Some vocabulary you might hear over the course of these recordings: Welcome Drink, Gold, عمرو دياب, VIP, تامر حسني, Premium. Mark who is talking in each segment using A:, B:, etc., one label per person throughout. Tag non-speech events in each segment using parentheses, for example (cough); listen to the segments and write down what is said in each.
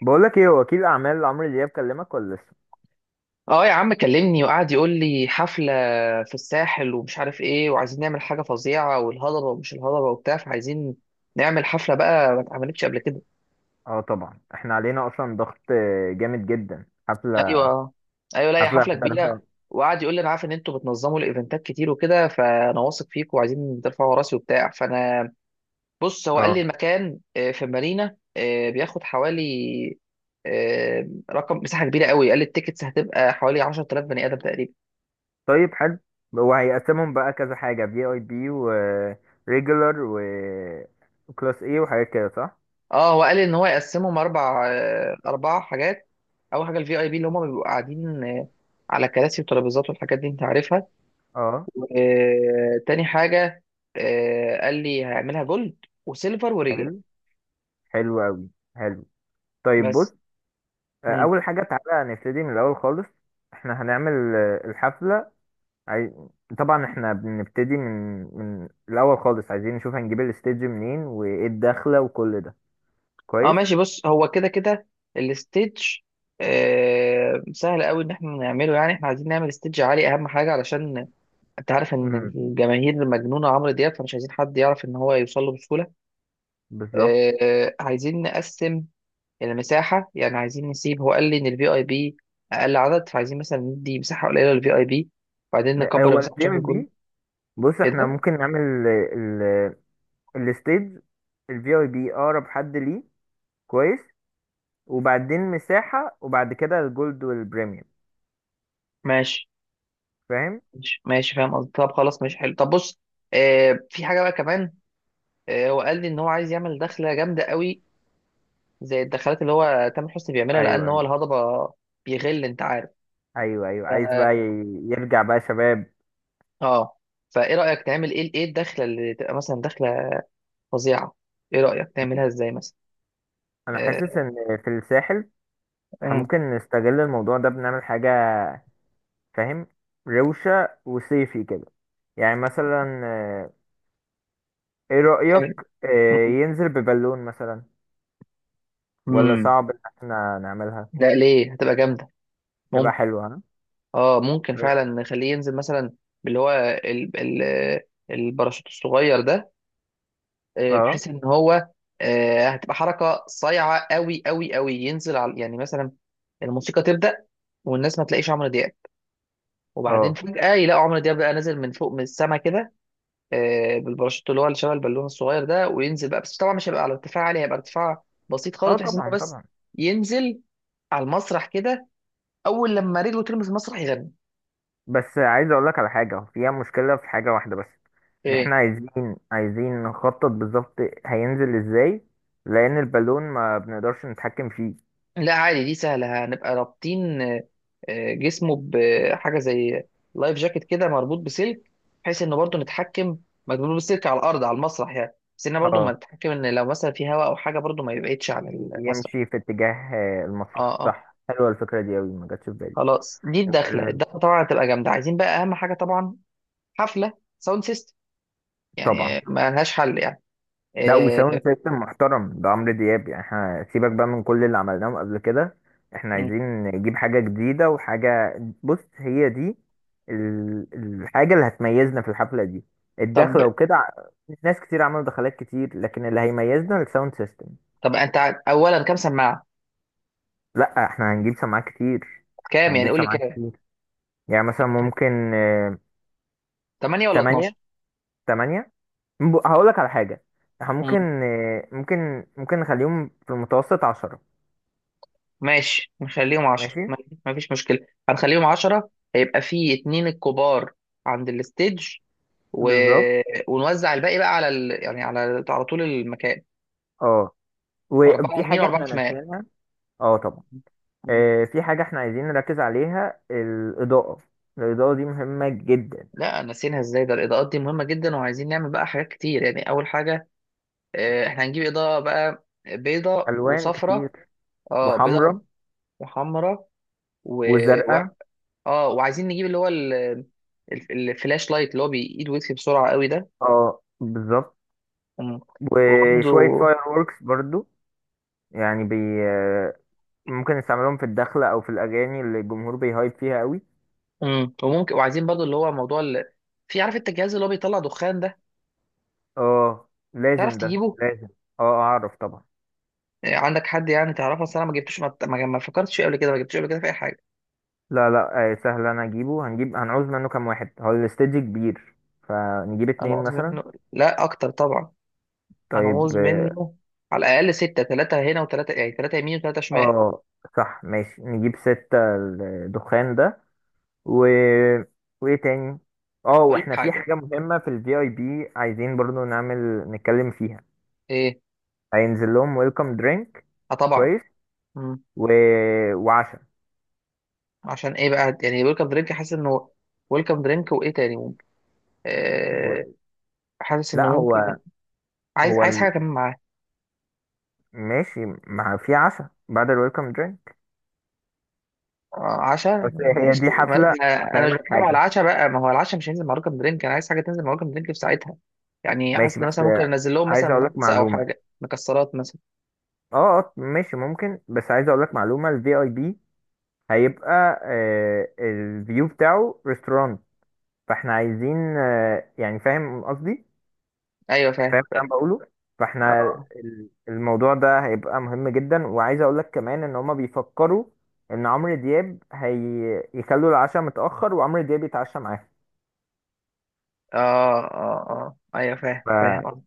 A: بقولك ايه وكيل اعمال عمرو دياب كلمك ولا لسه؟
B: اه يا عم كلمني، وقعد يقول لي حفلة في الساحل ومش عارف ايه، وعايزين نعمل حاجة فظيعة، والهضبة ومش الهضبة وبتاع، فعايزين نعمل حفلة بقى ما اتعملتش قبل كده.
A: اه طبعا احنا علينا اصلا ضغط جامد جدا. حفله،
B: ايوه، ايوه، لا هي حفلة
A: هنحضرها.
B: كبيرة. وقعد يقول لي انا عارف ان انتوا بتنظموا الايفنتات كتير وكده، فانا واثق فيكم وعايزين ترفعوا راسي وبتاع، فانا بص هو قال
A: اه
B: لي المكان في مارينا، بياخد حوالي رقم مساحة كبيرة قوي. قال لي التيكتس هتبقى حوالي 10,000 بني آدم تقريبا.
A: طيب حلو. هو هيقسمهم بقى كذا حاجه: في اي بي وريجولار وكلاس ايه وحاجات كده، صح؟
B: اه هو قال ان هو يقسمهم اربع اربع حاجات. اول حاجه الفي اي بي، اللي هم بيبقوا قاعدين على كراسي وترابيزات والحاجات دي انت عارفها.
A: اه
B: تاني حاجه قال لي هعملها جولد وسيلفر وريجلر.
A: حلو، حلو قوي، حلو. طيب بص،
B: بس. مم.
A: اول حاجه تعالى نبتدي من الاول خالص. احنا هنعمل الحفله. عاي... طبعا احنا بنبتدي من الاول خالص، عايزين نشوف هنجيب الاستيدج منين وايه الدخله وكل ده.
B: اه
A: كويس.
B: ماشي، بص هو كده كده الستيج سهل قوي ان احنا نعمله، يعني احنا عايزين نعمل ستيج عالي، اهم حاجه علشان انت عارف ان
A: امم،
B: الجماهير مجنونه عمرو دياب، فمش عايزين حد يعرف ان هو يوصل له بسهوله.
A: بالظبط.
B: عايزين نقسم المساحة، يعني عايزين نسيب، هو قال لي إن الفي أي بي أقل عدد، فعايزين مثلا ندي مساحة قليلة للفي أي بي وبعدين نكبر
A: هو
B: مساحة شهر
A: الجيم
B: الجول.
A: بي. بص
B: إيه
A: احنا
B: ده؟
A: ممكن نعمل ال الستيج، الفي اي بي اقرب حد ليه. كويس، وبعدين مساحة، وبعد كده الجولد والبريميوم.
B: ماشي
A: فاهم؟
B: ماشي فاهم قصدي، طب خلاص ماشي حلو، طب بص آه في حاجة بقى كمان. آه هو قال لي إن هو عايز يعمل دخلة جامدة قوي زي الدخلات اللي هو تامر حسني بيعملها،
A: ايوه
B: لأن هو
A: ايوه.
B: الهضبة بيغل، أنت عارف.
A: ايوه ايوه، عايز بقى
B: ف-
A: يرجع بقى شباب.
B: اه فإيه رأيك تعمل إيه، إيه الدخلة اللي تبقى مثلا دخلة فظيعة؟ إيه رأيك تعملها
A: بص
B: إزاي مثلا؟
A: انا حاسس
B: آه.
A: ان في الساحل احنا
B: مم.
A: ممكن نستغل الموضوع ده، بنعمل حاجة فاهم، روشة وصيفي كده. يعني مثلا ايه رأيك
B: حلو.
A: ينزل ببالون مثلا؟ ولا
B: مم.
A: صعب ان احنا نعملها؟
B: لا ليه، هتبقى جامده.
A: تبقى
B: ممكن.
A: حلوة، ها.
B: اه ممكن فعلا نخليه ينزل مثلا باللي هو ال... ال... الباراشوت الصغير ده،
A: اه
B: بحيث ان هو هتبقى حركه صايعه قوي قوي قوي، ينزل على يعني مثلا الموسيقى تبدا، والناس ما تلاقيش عمرو دياب، وبعدين
A: اه،
B: فجاه يلاقوا عمرو دياب بقى نازل من فوق من السما كده، بالباراشوت اللي هو اللي شبه البالون الصغير ده، وينزل بقى، بس طبعا مش هيبقى على ارتفاع عالي، هيبقى ارتفاع بسيط خالص
A: اه
B: بحيث ان هو
A: طبعا
B: بس
A: طبعا.
B: ينزل على المسرح كده، اول لما رجله تلمس المسرح يغني.
A: بس عايز اقول لك على حاجة فيها مشكلة، في حاجة واحدة بس. ان احنا
B: ايه.
A: عايزين نخطط بالظبط هينزل ازاي، لان البالون ما بنقدرش نتحكم فيه.
B: لا عادي دي سهله، هنبقى رابطين جسمه بحاجه زي لايف جاكيت كده مربوط بسلك بحيث انه برضه نتحكم، مربوط بالسلك على الارض على المسرح يعني، بس انه برضه ما
A: اه،
B: نتحكم ان لو مثلا في هواء او حاجه، برضه ما يبعدش عن المسرح.
A: يمشي في اتجاه
B: اه،
A: المسرح،
B: اه،
A: صح. حلوة الفكرة دي اوي، ما جاتش في بالي.
B: خلاص دي الدخله
A: آه،
B: الدخله طبعا هتبقى جامده، عايزين بقى اهم حاجه طبعا حفله ساوند سيستم،
A: طبعا.
B: يعني ما لهاش حل يعني.
A: لا، وساوند
B: آه.
A: سيستم محترم، ده عمرو دياب يعني. احنا سيبك بقى من كل اللي عملناه قبل كده، احنا
B: م.
A: عايزين نجيب حاجة جديدة وحاجة. بص هي دي الحاجة اللي هتميزنا في الحفلة دي:
B: طب
A: الدخلة وكده ناس كتير عملوا دخلات كتير، لكن اللي هيميزنا الساوند سيستم.
B: طب انت اولا كام سماعه؟
A: لا احنا هنجيب سماعات كتير،
B: كام يعني؟
A: هنجيب
B: قول لي
A: سماعات
B: كام،
A: كتير. يعني مثلا
B: يعني
A: ممكن
B: 8 ولا
A: تمانية،
B: 12؟
A: تمانية. هقول لك على حاجة، احنا ممكن ممكن نخليهم في المتوسط عشرة.
B: ماشي نخليهم عشرة،
A: ماشي،
B: ما ما فيش مشكلة، هنخليهم عشرة، هيبقى في اتنين الكبار عند الستيج و...
A: بالظبط.
B: ونوزع الباقي بقى على يعني على طول المكان،
A: اه،
B: أربعة
A: وفي
B: يمين
A: حاجة
B: وأربعة
A: احنا
B: شمال.
A: نسيناها. اه طبعا، في حاجة احنا عايزين نركز عليها: الإضاءة. الإضاءة دي مهمة جدا.
B: لا نسيناها ازاي، ده الإضاءات دي مهمة جدا، وعايزين نعمل بقى حاجات كتير، يعني أول حاجة احنا هنجيب إضاءة بقى بيضة
A: ألوان
B: وصفرة.
A: كتير،
B: اه بيضة
A: وحمرا
B: وحمرة و... و...
A: وزرقاء.
B: اه وعايزين نجيب اللي هو الفلاش لايت اللي هو بيقيد ويطفي بسرعة قوي ده.
A: اه بالظبط.
B: مم. وبرضه.
A: وشوية فاير ووركس برضو، يعني بي آه، ممكن نستعملهم في الدخلة أو في الأغاني اللي الجمهور بيهايب فيها قوي.
B: مم. وممكن وعايزين برضه اللي هو موضوع في عارف انت الجهاز اللي هو بيطلع دخان ده،
A: اه
B: تعرف
A: لازم، ده
B: تجيبه؟
A: لازم. اه أعرف طبعا.
B: عندك حد يعني تعرفه، اصل انا ما جبتوش، ما ما ما فكرتش فيه قبل كده، ما جبتوش قبل كده في اي حاجه.
A: لا لا، آه سهل، أنا أجيبه. هنجيب، هنعوز منه كام واحد؟ هو الاستديو كبير، فنجيب
B: انا
A: اتنين
B: عاوز
A: مثلا.
B: منه لا اكتر طبعا، انا
A: طيب
B: عاوز منه على الاقل سته، ثلاثه هنا وثلاثه، يعني ثلاثه يمين وثلاثه شمال.
A: اه، صح ماشي، نجيب ستة الدخان ده. و... وايه تاني؟ اه
B: اقول لك
A: واحنا في
B: حاجه.
A: حاجة مهمة في الفي اي بي عايزين برضو نعمل، نتكلم فيها.
B: ايه؟
A: هينزل لهم ويلكم درينك.
B: اه طبعا.
A: كويس.
B: مم.
A: و... وعشاء.
B: عشان ايه بقى؟ يعني ويلكم درينك، حاسس انه ويلكم درينك وايه تاني ممكن آه،
A: و...
B: حاسس انه
A: لا
B: ممكن،
A: هو،
B: عايز
A: هو
B: عايز
A: ال-
B: حاجه كمان معاها.
A: ماشي، ما في عشاء بعد الويلكم درينك؟
B: عشاء
A: بس هي
B: ماشي
A: دي
B: ما
A: حفلة،
B: (laughs) انا مش
A: هفهمك
B: بتكلم على
A: حاجة.
B: العشاء بقى، ما هو العشاء مش هينزل مع رقم درينك، انا عايز حاجه تنزل مع رقم درينك في ساعتها. يعني حاسس
A: ماشي،
B: ان
A: بس
B: مثلا ممكن انزل لهم
A: عايز
B: مثلا
A: اقولك
B: نتس او
A: معلومة.
B: حاجه مكسرات مثلا.
A: اه ماشي ممكن، بس عايز اقولك معلومة: الفي اي بي هيبقى الفيو بتاعه ريستورانت. فاحنا عايزين يعني فاهم قصدي،
B: ايوه فاهم
A: فاهم اللي
B: فاهم.
A: انا بقوله. فاحنا
B: اه،
A: الموضوع ده هيبقى مهم جدا. وعايز اقول لك كمان ان هما بيفكروا ان عمرو دياب هيخلوا العشاء متأخر وعمرو دياب يتعشى معاهم.
B: اه، اه، اه، ايوه فاهم فاهم
A: فاحنا
B: قصدي.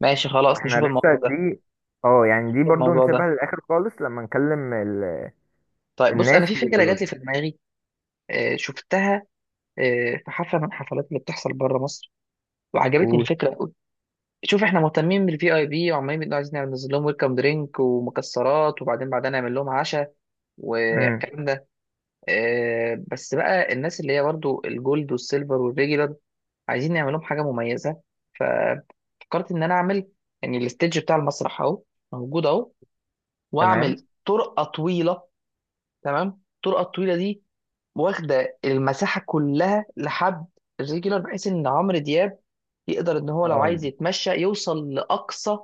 B: ماشي خلاص نشوف
A: لسه
B: الموضوع ده،
A: دي، اه يعني دي
B: نشوف
A: برضو
B: الموضوع
A: نسيبها
B: ده.
A: للاخر خالص لما نكلم
B: طيب بص
A: الناس
B: انا في فكره
A: ويقولوا
B: جات لي
A: لنا.
B: في دماغي شفتها، في حفله من الحفلات اللي بتحصل بره مصر، وعجبتني
A: قول.
B: الفكره قوي. شوف احنا مهتمين بالفي اي بي، وعمالين بنقول عايزين ننزل لهم ويلكم درينك ومكسرات، وبعدين نعمل لهم عشاء
A: امم.
B: والكلام ده. بس بقى الناس اللي هي برضو الجولد والسيلفر والريجولار عايزين نعمل لهم حاجه مميزه، ففكرت ان انا اعمل، يعني الستيج بتاع المسرح اهو موجود اهو،
A: تمام.
B: واعمل طرقه طويله. تمام. الطرقه الطويله دي واخده المساحه كلها لحد الريجولار، بحيث ان عمرو دياب يقدر ان هو لو
A: اه
B: عايز يتمشى يوصل لاقصى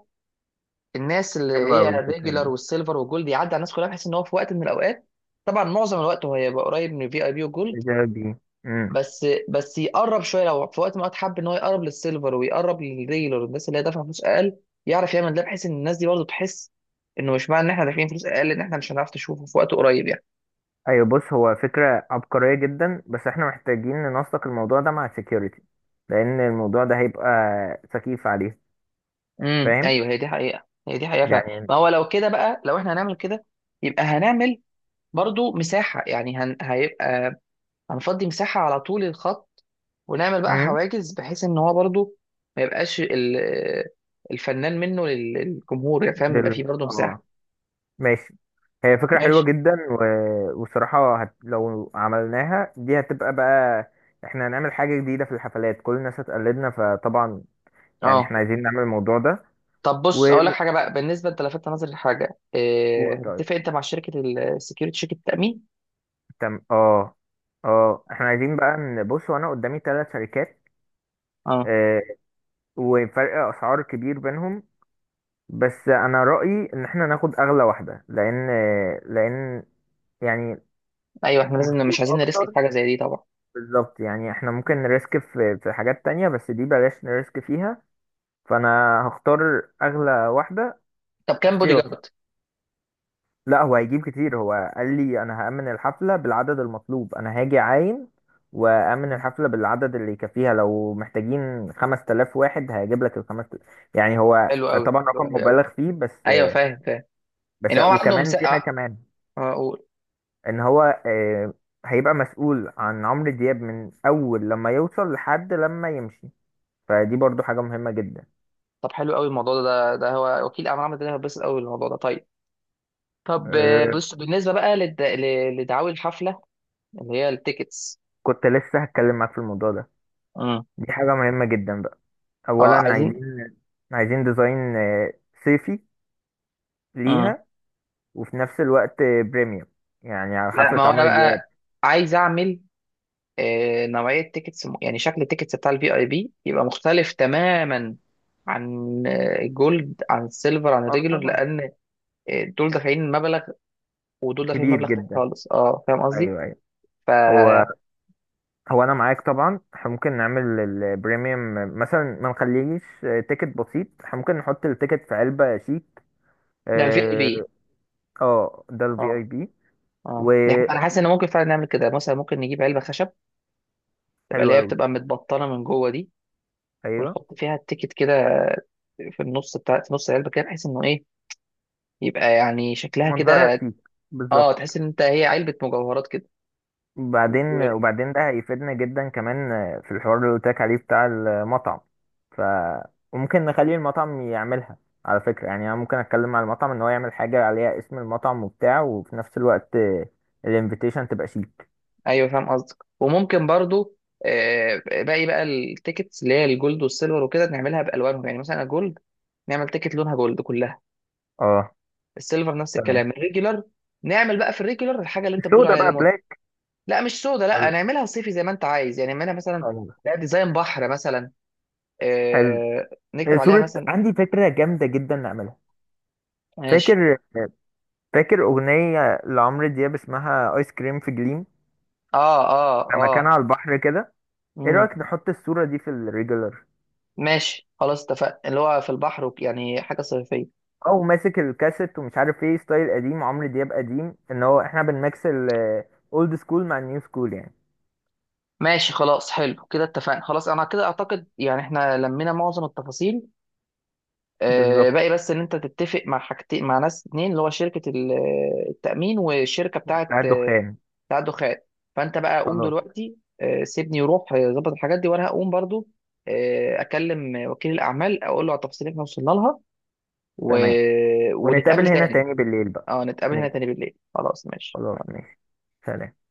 B: الناس اللي
A: حلوة
B: هي
A: أوي الفكرة
B: الريجولار
A: دي.
B: والسيلفر والجولد، يعدي على الناس كلها بحيث ان هو في وقت من الاوقات، طبعا معظم الوقت هو هيبقى قريب من الفي اي بي والجولد،
A: الفكرة دي، امم.
B: بس بس يقرب شويه لو في وقت من الاوقات حب ان هو يقرب للسيلفر ويقرب للريجولار والناس اللي هي دافعه فلوس اقل، يعرف يعمل ده، بحيث ان الناس دي برضه تحس انه مش معنى ان احنا دافعين فلوس اقل ان احنا مش هنعرف نشوفه في وقت قريب يعني.
A: ايوه بص هو فكرة عبقرية جدا، بس احنا محتاجين ننسق الموضوع ده مع security، لان الموضوع ده هيبقى سخيف عليه.
B: امم،
A: فاهم
B: ايوه هي دي حقيقه، هي دي حقيقه فعلا،
A: يعني.
B: ما هو لو كده بقى، لو احنا هنعمل كده يبقى هنعمل برضه مساحه، يعني هيبقى هنفضي مساحة على طول الخط، ونعمل بقى
A: امم،
B: حواجز بحيث ان هو برضو ما يبقاش الفنان منه للجمهور، يعني فاهم، يبقى فيه برضو مساحة.
A: اه ماشي. هي فكرة حلوة
B: ماشي.
A: جدا، والصراحة لو عملناها دي هتبقى بقى، احنا هنعمل حاجة جديدة في الحفلات، كل الناس هتقلدنا فطبعا يعني
B: اه.
A: احنا عايزين نعمل الموضوع ده.
B: طب
A: و...
B: بص اقول لك حاجة بقى بالنسبة، انت لفتت نظري لحاجة، إيه،
A: طيب
B: هتتفق انت مع شركة السكيورتي شركة التأمين؟
A: تم. اه اه احنا عايزين بقى نبص، وانا قدامي ثلاث شركات،
B: اه،
A: آه، وفرق اسعار كبير بينهم. بس انا رايي ان احنا ناخد اغلى واحده، لان يعني
B: ايوه احنا لازم،
A: مشهور
B: مش عايزين نريسك
A: اكتر.
B: في حاجة زي دي طبعا.
A: بالظبط، يعني احنا ممكن نريسك في حاجات تانية، بس دي بلاش نريسك فيها. فانا هختار اغلى واحده.
B: طب كام بودي
A: احتياطي،
B: جارد؟
A: لا هو هيجيب كتير. هو قال لي انا هأمن الحفله بالعدد المطلوب، انا هاجي عايم وأأمن
B: مم.
A: الحفلة بالعدد اللي يكفيها. لو محتاجين 5000 واحد هيجيب لك ال 5000، يعني هو
B: حلو قوي،
A: طبعا
B: حلو
A: رقم
B: قوي قوي.
A: مبالغ فيه. بس
B: ايوه فاهم فاهم،
A: بس
B: يعني هو عنده
A: وكمان في حاجة
B: مساحة.
A: كمان،
B: اه قول.
A: ان هو هيبقى مسؤول عن عمرو دياب من اول لما يوصل لحد لما يمشي. فدي برضو حاجة مهمة جدا.
B: طب حلو قوي الموضوع ده، هو وكيل اعمال، عمل ده هيتبسط قوي الموضوع ده، طيب. طب
A: آه،
B: بص بالنسبة بقى لدعاوي الحفلة، اللي هي التيكتس.
A: كنت لسه هتكلم معاك في الموضوع ده،
B: امم.
A: دي حاجة مهمة جدا بقى.
B: اه
A: اولا
B: عايزين.
A: عايزين ديزاين صيفي
B: امم.
A: ليها، وفي نفس الوقت بريميوم، يعني على
B: لا
A: حفلة
B: ما هو انا
A: عمرو دياب.
B: بقى عايز اعمل نوعية تيكتس، يعني شكل التيكتس بتاع الفي اي بي يبقى مختلف تماما عن جولد، عن سيلفر، عن
A: اه
B: ريجولر،
A: طبعا،
B: لان دول دافعين مبلغ ودول دافعين
A: كبير
B: مبلغ تاني
A: جدا.
B: خالص، اه فاهم قصدي.
A: ايوه ايوه.
B: ف،
A: هو هو انا معاك طبعا. احنا ممكن نعمل البريميوم، مثلا ما نخليش تيكت بسيط، احنا ممكن نحط التيكت في علبة شيك.
B: ده الفي اي
A: اه
B: بي.
A: ده الفي اي
B: اه،
A: بي.
B: اه،
A: وحلو
B: انا حاسس ان ممكن فعلا نعمل كده، مثلا ممكن نجيب علبة خشب تبقى اللي هي
A: قوي.
B: بتبقى متبطنة من جوه دي،
A: ايوه،
B: ونحط فيها التيكت كده في النص بتاع، في نص العلبه كده، بحيث انه ايه، يبقى يعني شكلها
A: منظرها
B: كده،
A: شيك،
B: اه
A: بالظبط.
B: تحس ان انت هي علبه مجوهرات كده.
A: وبعدين
B: و...
A: وبعدين ده هيفيدنا جدا كمان في الحوار اللي قلت لك عليه بتاع المطعم. ف وممكن نخلي المطعم يعملها. على فكرة، يعني انا ممكن اتكلم مع المطعم ان هو يعمل حاجة عليها اسم المطعم وبتاع، وفي نفس الوقت الانفيتيشن تبقى شيك.
B: ايوه فاهم قصدك، وممكن برضو باقي بقى التيكتس اللي هي الجولد والسيلفر وكده نعملها بالوانهم، يعني مثلا الجولد نعمل تيكت لونها جولد كلها،
A: اه
B: السيلفر نفس
A: تمام.
B: الكلام، الريجولار، نعمل بقى في الريجولار الحاجه اللي انت بتقول
A: السودا
B: عليها
A: بقى
B: ليمون.
A: بلاك.
B: لا مش سودا، لا
A: ولا-
B: نعملها صيفي زي ما انت عايز، يعني نعملها مثلا،
A: خلاص.
B: لا ديزاين بحر مثلا،
A: حلو.
B: آه، نكتب عليها
A: صورة،
B: مثلا،
A: عندي فكرة جامدة جدا نعملها.
B: ماشي.
A: فاكر فاكر أغنية لعمرو دياب اسمها آيس كريم في جليم،
B: اه، اه،
A: لما كان
B: اه،
A: على البحر كده. ايه
B: امم،
A: رأيك نحط الصورة دي في الريجولر؟
B: ماشي خلاص اتفقنا، اللي هو في البحر يعني حاجة صيفية.
A: او ماسك الكاسيت ومش عارف ايه، ستايل قديم، عمرو دياب قديم، ان هو احنا بنميكس الاولد سكول مع النيو سكول يعني.
B: ماشي خلاص حلو كده اتفقنا، خلاص انا كده اعتقد يعني احنا لمينا معظم التفاصيل، آه
A: بالظبط،
B: باقي بس ان انت تتفق مع حاجتين مع ناس اتنين، اللي هو شركة التأمين، والشركة بتاعة
A: بتاع الدخان.
B: بتاعة الدخان. فانت بقى قوم
A: خلاص
B: دلوقتي، آه سيبني يروح ظبط الحاجات دي، وانا هقوم برضو آه اكلم وكيل الاعمال اقول له على التفاصيل اللي احنا وصلنا لها و...
A: تمام.
B: ونتقابل
A: ونتقابل هنا
B: تاني.
A: تاني بالليل بقى.
B: اه نتقابل هنا
A: ماشي
B: تاني بالليل، خلاص ماشي.
A: خلاص، ماشي. سلام.